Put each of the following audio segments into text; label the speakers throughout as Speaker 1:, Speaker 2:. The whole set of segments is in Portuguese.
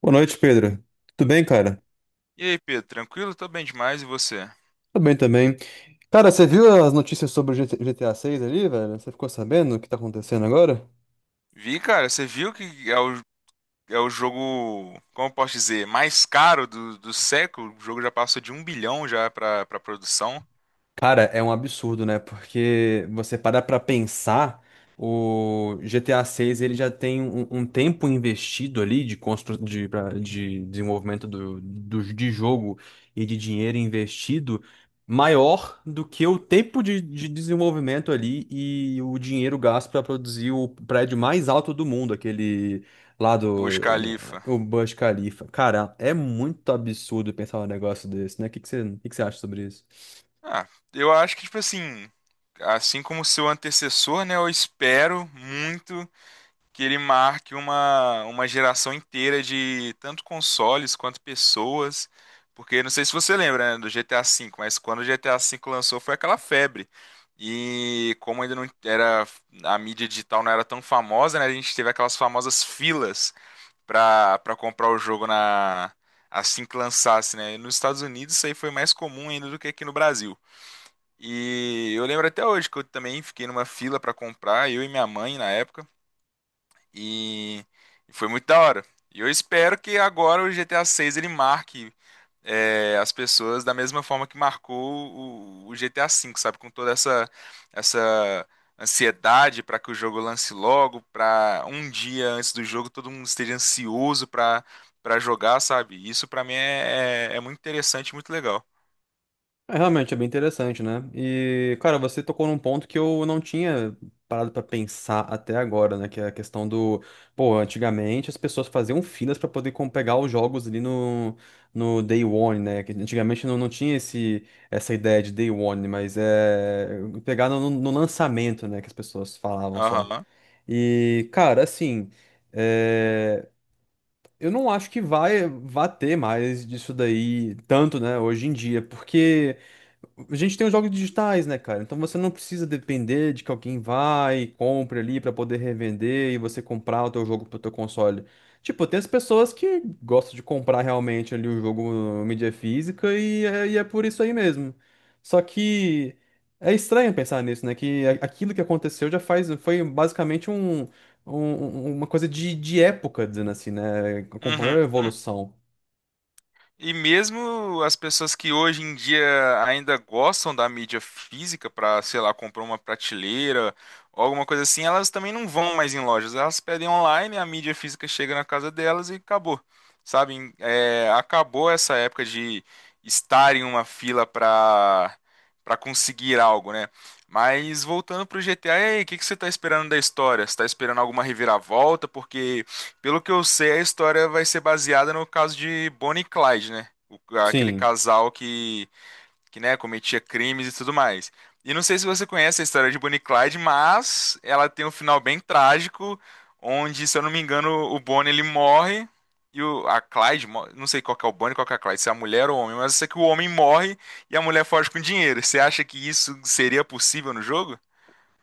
Speaker 1: Boa noite, Pedro. Tudo bem, cara?
Speaker 2: E aí, Pedro, tranquilo? Tô bem demais, e você?
Speaker 1: Tudo bem também. Cara, você viu as notícias sobre o GTA 6 ali, velho? Você ficou sabendo o que tá acontecendo agora?
Speaker 2: Vi, cara, você viu que é o jogo, como eu posso dizer, mais caro do século? O jogo já passou de um bilhão já pra produção,
Speaker 1: Cara, é um absurdo, né? Porque você para pra pensar, o GTA 6 ele já tem um tempo investido ali de, de desenvolvimento de jogo e de dinheiro investido maior do que o tempo de desenvolvimento ali e o dinheiro gasto para produzir o prédio mais alto do mundo, aquele lá
Speaker 2: o Burj Khalifa.
Speaker 1: o Burj Khalifa. Cara, é muito absurdo pensar um negócio desse, né? O que que você acha sobre isso?
Speaker 2: Ah, eu acho que, tipo assim, assim como seu antecessor, né, eu espero muito que ele marque uma geração inteira de tanto consoles quanto pessoas. Porque não sei se você lembra, né, do GTA V, mas quando o GTA V lançou foi aquela febre. E como ainda não era a mídia digital não era tão famosa, né, a gente teve aquelas famosas filas para comprar o jogo na assim que lançasse, né? E nos Estados Unidos isso aí foi mais comum ainda do que aqui no Brasil. E eu lembro até hoje que eu também fiquei numa fila para comprar, eu e minha mãe na época. E foi muito da hora. E eu espero que agora o GTA 6 ele marque as pessoas da mesma forma que marcou o GTA 5, sabe? Com toda essa ansiedade para que o jogo lance logo, para um dia antes do jogo todo mundo esteja ansioso para jogar, sabe? Isso pra mim é muito interessante, muito legal.
Speaker 1: É, realmente é bem interessante, né? E, cara, você tocou num ponto que eu não tinha parado pra pensar até agora, né? Que é a questão do. Pô, antigamente as pessoas faziam filas pra poder pegar os jogos ali no Day One, né? Que antigamente não tinha essa ideia de Day One, mas é. Pegar no lançamento, né? Que as pessoas falavam só.
Speaker 2: Aham.
Speaker 1: E, cara, é, eu não acho que vai ter mais disso daí tanto, né, hoje em dia, porque. a gente tem os jogos digitais, né, cara? Então você não precisa depender de que alguém vai, e compre ali pra poder revender e você comprar o teu jogo pro teu console. Tipo, tem as pessoas que gostam de comprar realmente ali o jogo em mídia física e é por isso aí mesmo. Só que é estranho pensar nisso, né? Que aquilo que aconteceu já faz, foi basicamente uma coisa de época, dizendo assim, né? Acompanhou
Speaker 2: Uhum.
Speaker 1: a evolução.
Speaker 2: E mesmo as pessoas que hoje em dia ainda gostam da mídia física para, sei lá, comprar uma prateleira ou alguma coisa assim, elas também não vão mais em lojas. Elas pedem online, a mídia física chega na casa delas e acabou. Sabe? É, acabou essa época de estar em uma fila para conseguir algo, né? Mas voltando pro GTA, e aí, o que que você tá esperando da história? Você tá esperando alguma reviravolta? Porque pelo que eu sei, a história vai ser baseada no caso de Bonnie e Clyde, né? Aquele
Speaker 1: Sim.
Speaker 2: casal que, né, cometia crimes e tudo mais. E não sei se você conhece a história de Bonnie e Clyde, mas ela tem um final bem trágico, onde, se eu não me engano, o Bonnie ele morre e a Clyde, não sei qual que é o Bonnie, qual que é a Clyde, se é a mulher ou o homem, mas eu sei que o homem morre e a mulher foge com dinheiro. Você acha que isso seria possível no jogo?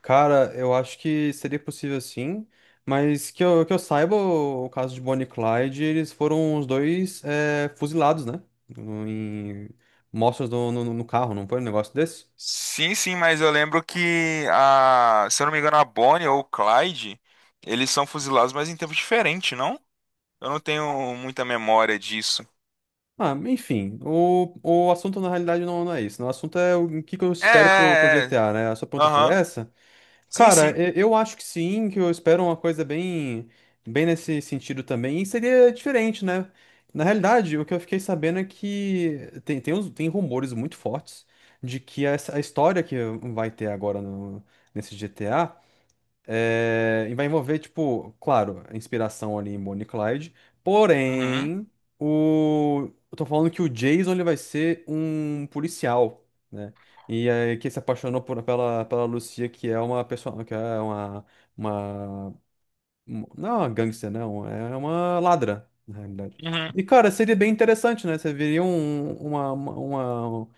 Speaker 1: Cara, eu acho que seria possível sim, mas que que eu saiba, o caso de Bonnie e Clyde, eles foram os dois fuzilados, né? Em mostras no carro, não foi um negócio desse?
Speaker 2: Sim, sim, mas eu lembro que se eu não me engano, a Bonnie ou o Clyde, eles são fuzilados, mas em tempos diferentes, não? Eu não tenho muita memória disso.
Speaker 1: Ah, enfim, o assunto na realidade não é isso, né? O assunto é o que que eu
Speaker 2: É,
Speaker 1: espero pro
Speaker 2: é, é.
Speaker 1: GTA, né? A sua pergunta foi
Speaker 2: Aham.
Speaker 1: essa?
Speaker 2: Sim, sim.
Speaker 1: Cara, eu acho que sim, que eu espero uma coisa bem nesse sentido também, e seria diferente, né? Na realidade, o que eu fiquei sabendo é que tem rumores muito fortes de que a história que vai ter agora no, nesse GTA e vai envolver, tipo, claro, a inspiração ali em Bonnie e Clyde.
Speaker 2: Uhum.
Speaker 1: Porém, eu tô falando que o Jason ele vai ser um policial, né? E aí que se apaixonou pela Lucia, que é uma pessoa, que é uma... um- não é uma gangster, não, é uma ladra, na realidade.
Speaker 2: Uhum.
Speaker 1: E, cara, seria bem interessante, né? Você viria uma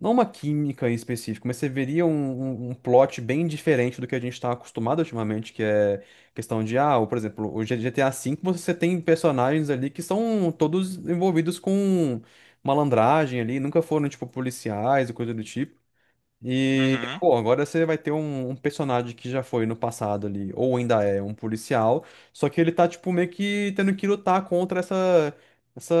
Speaker 1: não uma química em específico, mas você veria um plot bem diferente do que a gente está acostumado ultimamente, que é questão de, ah, por exemplo, o GTA V você tem personagens ali que são todos envolvidos com malandragem ali, nunca foram, tipo, policiais e coisa do tipo. E,
Speaker 2: Uhum.
Speaker 1: pô, agora você vai ter um personagem que já foi no passado ali, ou ainda é um policial, só que ele tá, tipo, meio que tendo que lutar contra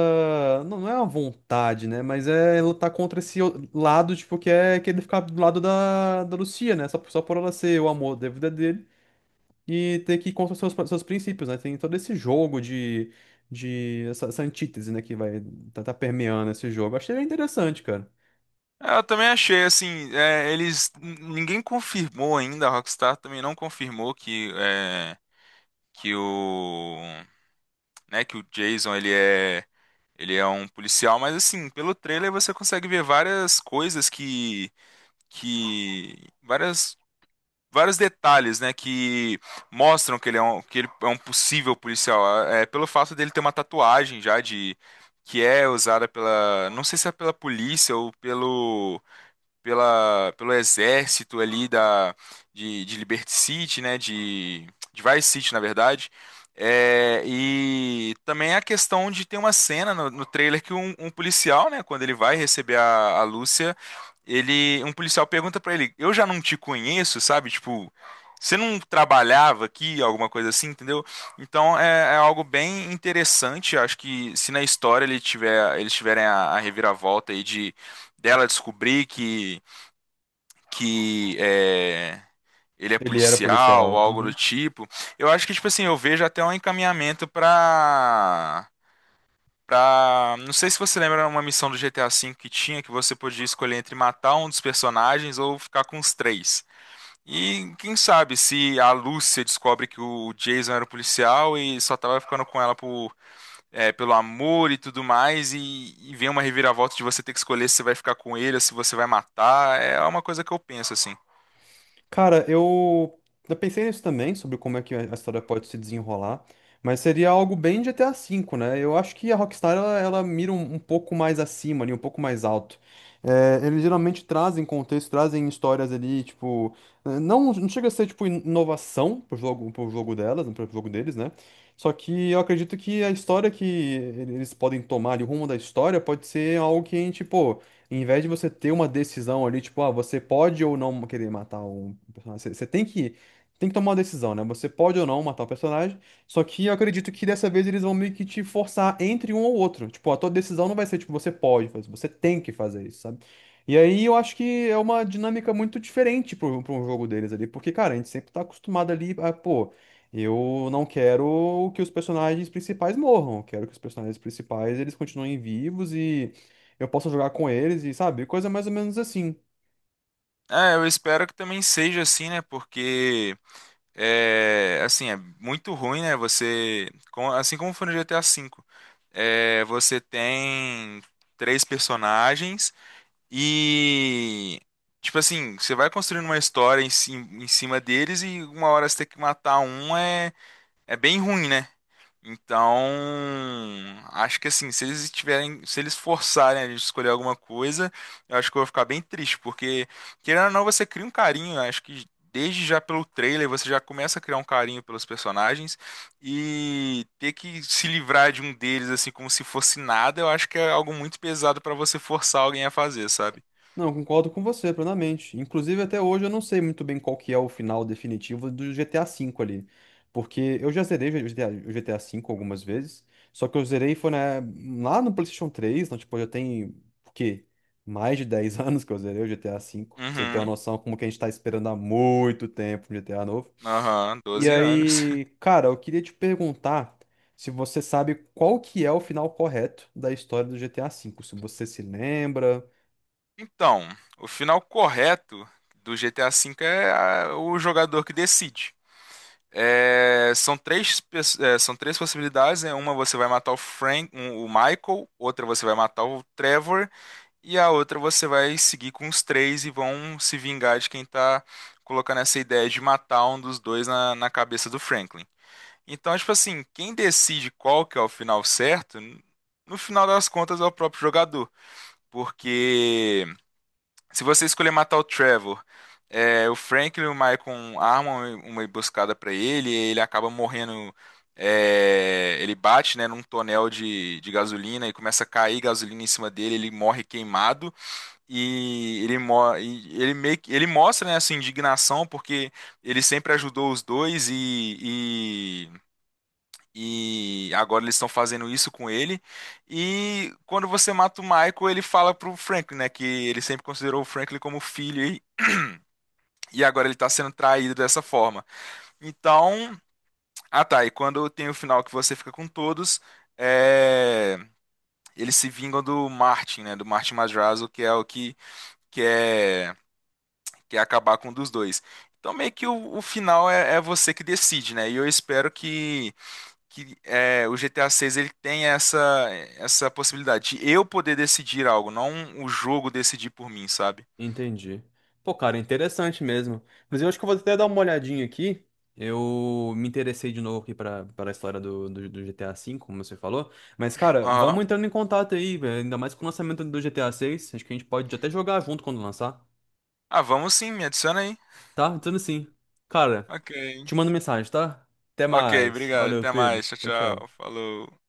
Speaker 1: não não é uma vontade, né, mas é lutar contra esse lado, tipo, que é que ele ficar do lado da Lucia, né, só por ela ser o amor da vida dele e ter que ir contra os seus princípios, né, tem todo esse jogo de essa, essa antítese, né, que vai tá permeando esse jogo. Achei interessante, cara.
Speaker 2: Eu também achei assim, eles ninguém confirmou ainda, a Rockstar também não confirmou que é, que o né, que o Jason ele é um policial, mas assim, pelo trailer você consegue ver várias coisas que várias vários detalhes, né, que mostram que ele é um possível policial, é pelo fato dele ter uma tatuagem já de que é usada pela, não sei se é pela polícia ou pelo exército ali de Liberty City, né? De Vice City, na verdade. E também a questão de ter uma cena no trailer que um policial, né? Quando ele vai receber a Lúcia, um policial pergunta pra ele: Eu já não te conheço, sabe? Tipo. Você não trabalhava aqui, alguma coisa assim, entendeu? Então é algo bem interessante. Acho que se na história ele tiver, eles tiverem a reviravolta aí de dela descobrir que ele é
Speaker 1: Ele era
Speaker 2: policial, ou
Speaker 1: policial.
Speaker 2: algo do
Speaker 1: Uhum.
Speaker 2: tipo, eu acho que, tipo assim, eu vejo até um encaminhamento pra. Não sei se você lembra uma missão do GTA V que tinha, que você podia escolher entre matar um dos personagens ou ficar com os três. E quem sabe se a Lúcia descobre que o Jason era o policial e só tava ficando com ela pelo amor e tudo mais, e vem uma reviravolta de você ter que escolher se você vai ficar com ele ou se você vai matar. É uma coisa que eu penso, assim.
Speaker 1: Cara, eu, eu pensei nisso também, sobre como é que a história pode se desenrolar, mas seria algo bem GTA V, né? Eu acho que a Rockstar, ela mira um pouco mais acima ali, um pouco mais alto. É, eles geralmente trazem contexto, trazem histórias ali, não, não chega a ser, tipo, inovação pro jogo, pro jogo deles, né? Só que eu acredito que a história que eles podem tomar ali, o rumo da história, pode ser algo que a gente, pô em vez de você ter uma decisão ali, tipo, ah, você pode ou não querer matar um personagem, você tem que tomar uma decisão, né? Você pode ou não matar o personagem, só que eu acredito que dessa vez eles vão meio que te forçar entre um ou outro. Tipo, a tua decisão não vai ser, tipo, você pode fazer, você tem que fazer isso, sabe? E aí eu acho que é uma dinâmica muito diferente para um jogo deles ali, porque, cara, a gente sempre tá acostumado ali a, pô, eu não quero que os personagens principais morram, eu quero que os personagens principais eles continuem vivos e eu posso jogar com eles e, sabe, coisa mais ou menos assim.
Speaker 2: Eu espero que também seja assim, né? Porque é assim, é muito ruim, né? Você, assim como foi no GTA V, você tem três personagens e tipo assim, você vai construindo uma história em cima deles e uma hora você tem que matar um é bem ruim, né? Então, acho que assim, se eles forçarem a gente a escolher alguma coisa, eu acho que eu vou ficar bem triste, porque querendo ou não, você cria um carinho, eu acho que desde já pelo trailer você já começa a criar um carinho pelos personagens e ter que se livrar de um deles assim como se fosse nada, eu acho que é algo muito pesado pra você forçar alguém a fazer, sabe?
Speaker 1: Não, concordo com você plenamente. Inclusive, até hoje eu não sei muito bem qual que é o final definitivo do GTA V ali. Porque eu já zerei o GTA V algumas vezes. Só que eu zerei foi lá no PlayStation 3, então, tipo, já tem, o quê? Mais de 10 anos que eu zerei o GTA V. Pra você ter uma
Speaker 2: Uhum.
Speaker 1: noção como que a gente tá esperando há muito tempo um GTA novo.
Speaker 2: Aham,
Speaker 1: E
Speaker 2: 12 anos.
Speaker 1: aí, cara, eu queria te perguntar se você sabe qual que é o final correto da história do GTA V. Se você se lembra.
Speaker 2: Então, o final correto do GTA V é o jogador que decide. São três possibilidades, né? Uma você vai matar o Michael, outra você vai matar o Trevor, e a outra você vai seguir com os três e vão se vingar de quem tá colocando essa ideia de matar um dos dois na cabeça do Franklin. Então, tipo assim, quem decide qual que é o final certo, no final das contas é o próprio jogador, porque se você escolher matar o Trevor, o Franklin e o Michael armam uma emboscada pra ele, e ele acaba morrendo. Ele bate, né, num tonel de gasolina e começa a cair gasolina em cima dele. Ele morre queimado e ele mostra, né, a sua indignação porque ele sempre ajudou os dois e agora eles estão fazendo isso com ele. E quando você mata o Michael, ele fala pro Franklin, né? Que ele sempre considerou o Franklin como filho e agora ele tá sendo traído dessa forma. Então, ah tá, e quando tem o final que você fica com todos, é, eles se vingam do Martin, né? Do Martin Madrazo, que é o que quer quer acabar com um dos dois. Então meio que o final é você que decide, né? E eu espero que o GTA 6 ele tem essa possibilidade de eu poder decidir algo, não o jogo decidir por mim, sabe?
Speaker 1: Entendi. Pô, cara, interessante mesmo. Mas eu acho que eu vou até dar uma olhadinha aqui. Eu me interessei de novo aqui pra, pra história do GTA V, como você falou. Mas, cara,
Speaker 2: Aham.
Speaker 1: vamos entrando em contato aí, velho. Ainda mais com o lançamento do GTA seis. Acho que a gente pode até jogar junto quando lançar.
Speaker 2: Ah, vamos sim, me adiciona aí.
Speaker 1: Tá? Então, assim. Cara,
Speaker 2: Ok.
Speaker 1: te mando mensagem, tá? Até
Speaker 2: Ok,
Speaker 1: mais.
Speaker 2: obrigado.
Speaker 1: Valeu,
Speaker 2: Até
Speaker 1: Pedro.
Speaker 2: mais. Tchau,
Speaker 1: Tchau, tchau.
Speaker 2: tchau. Falou.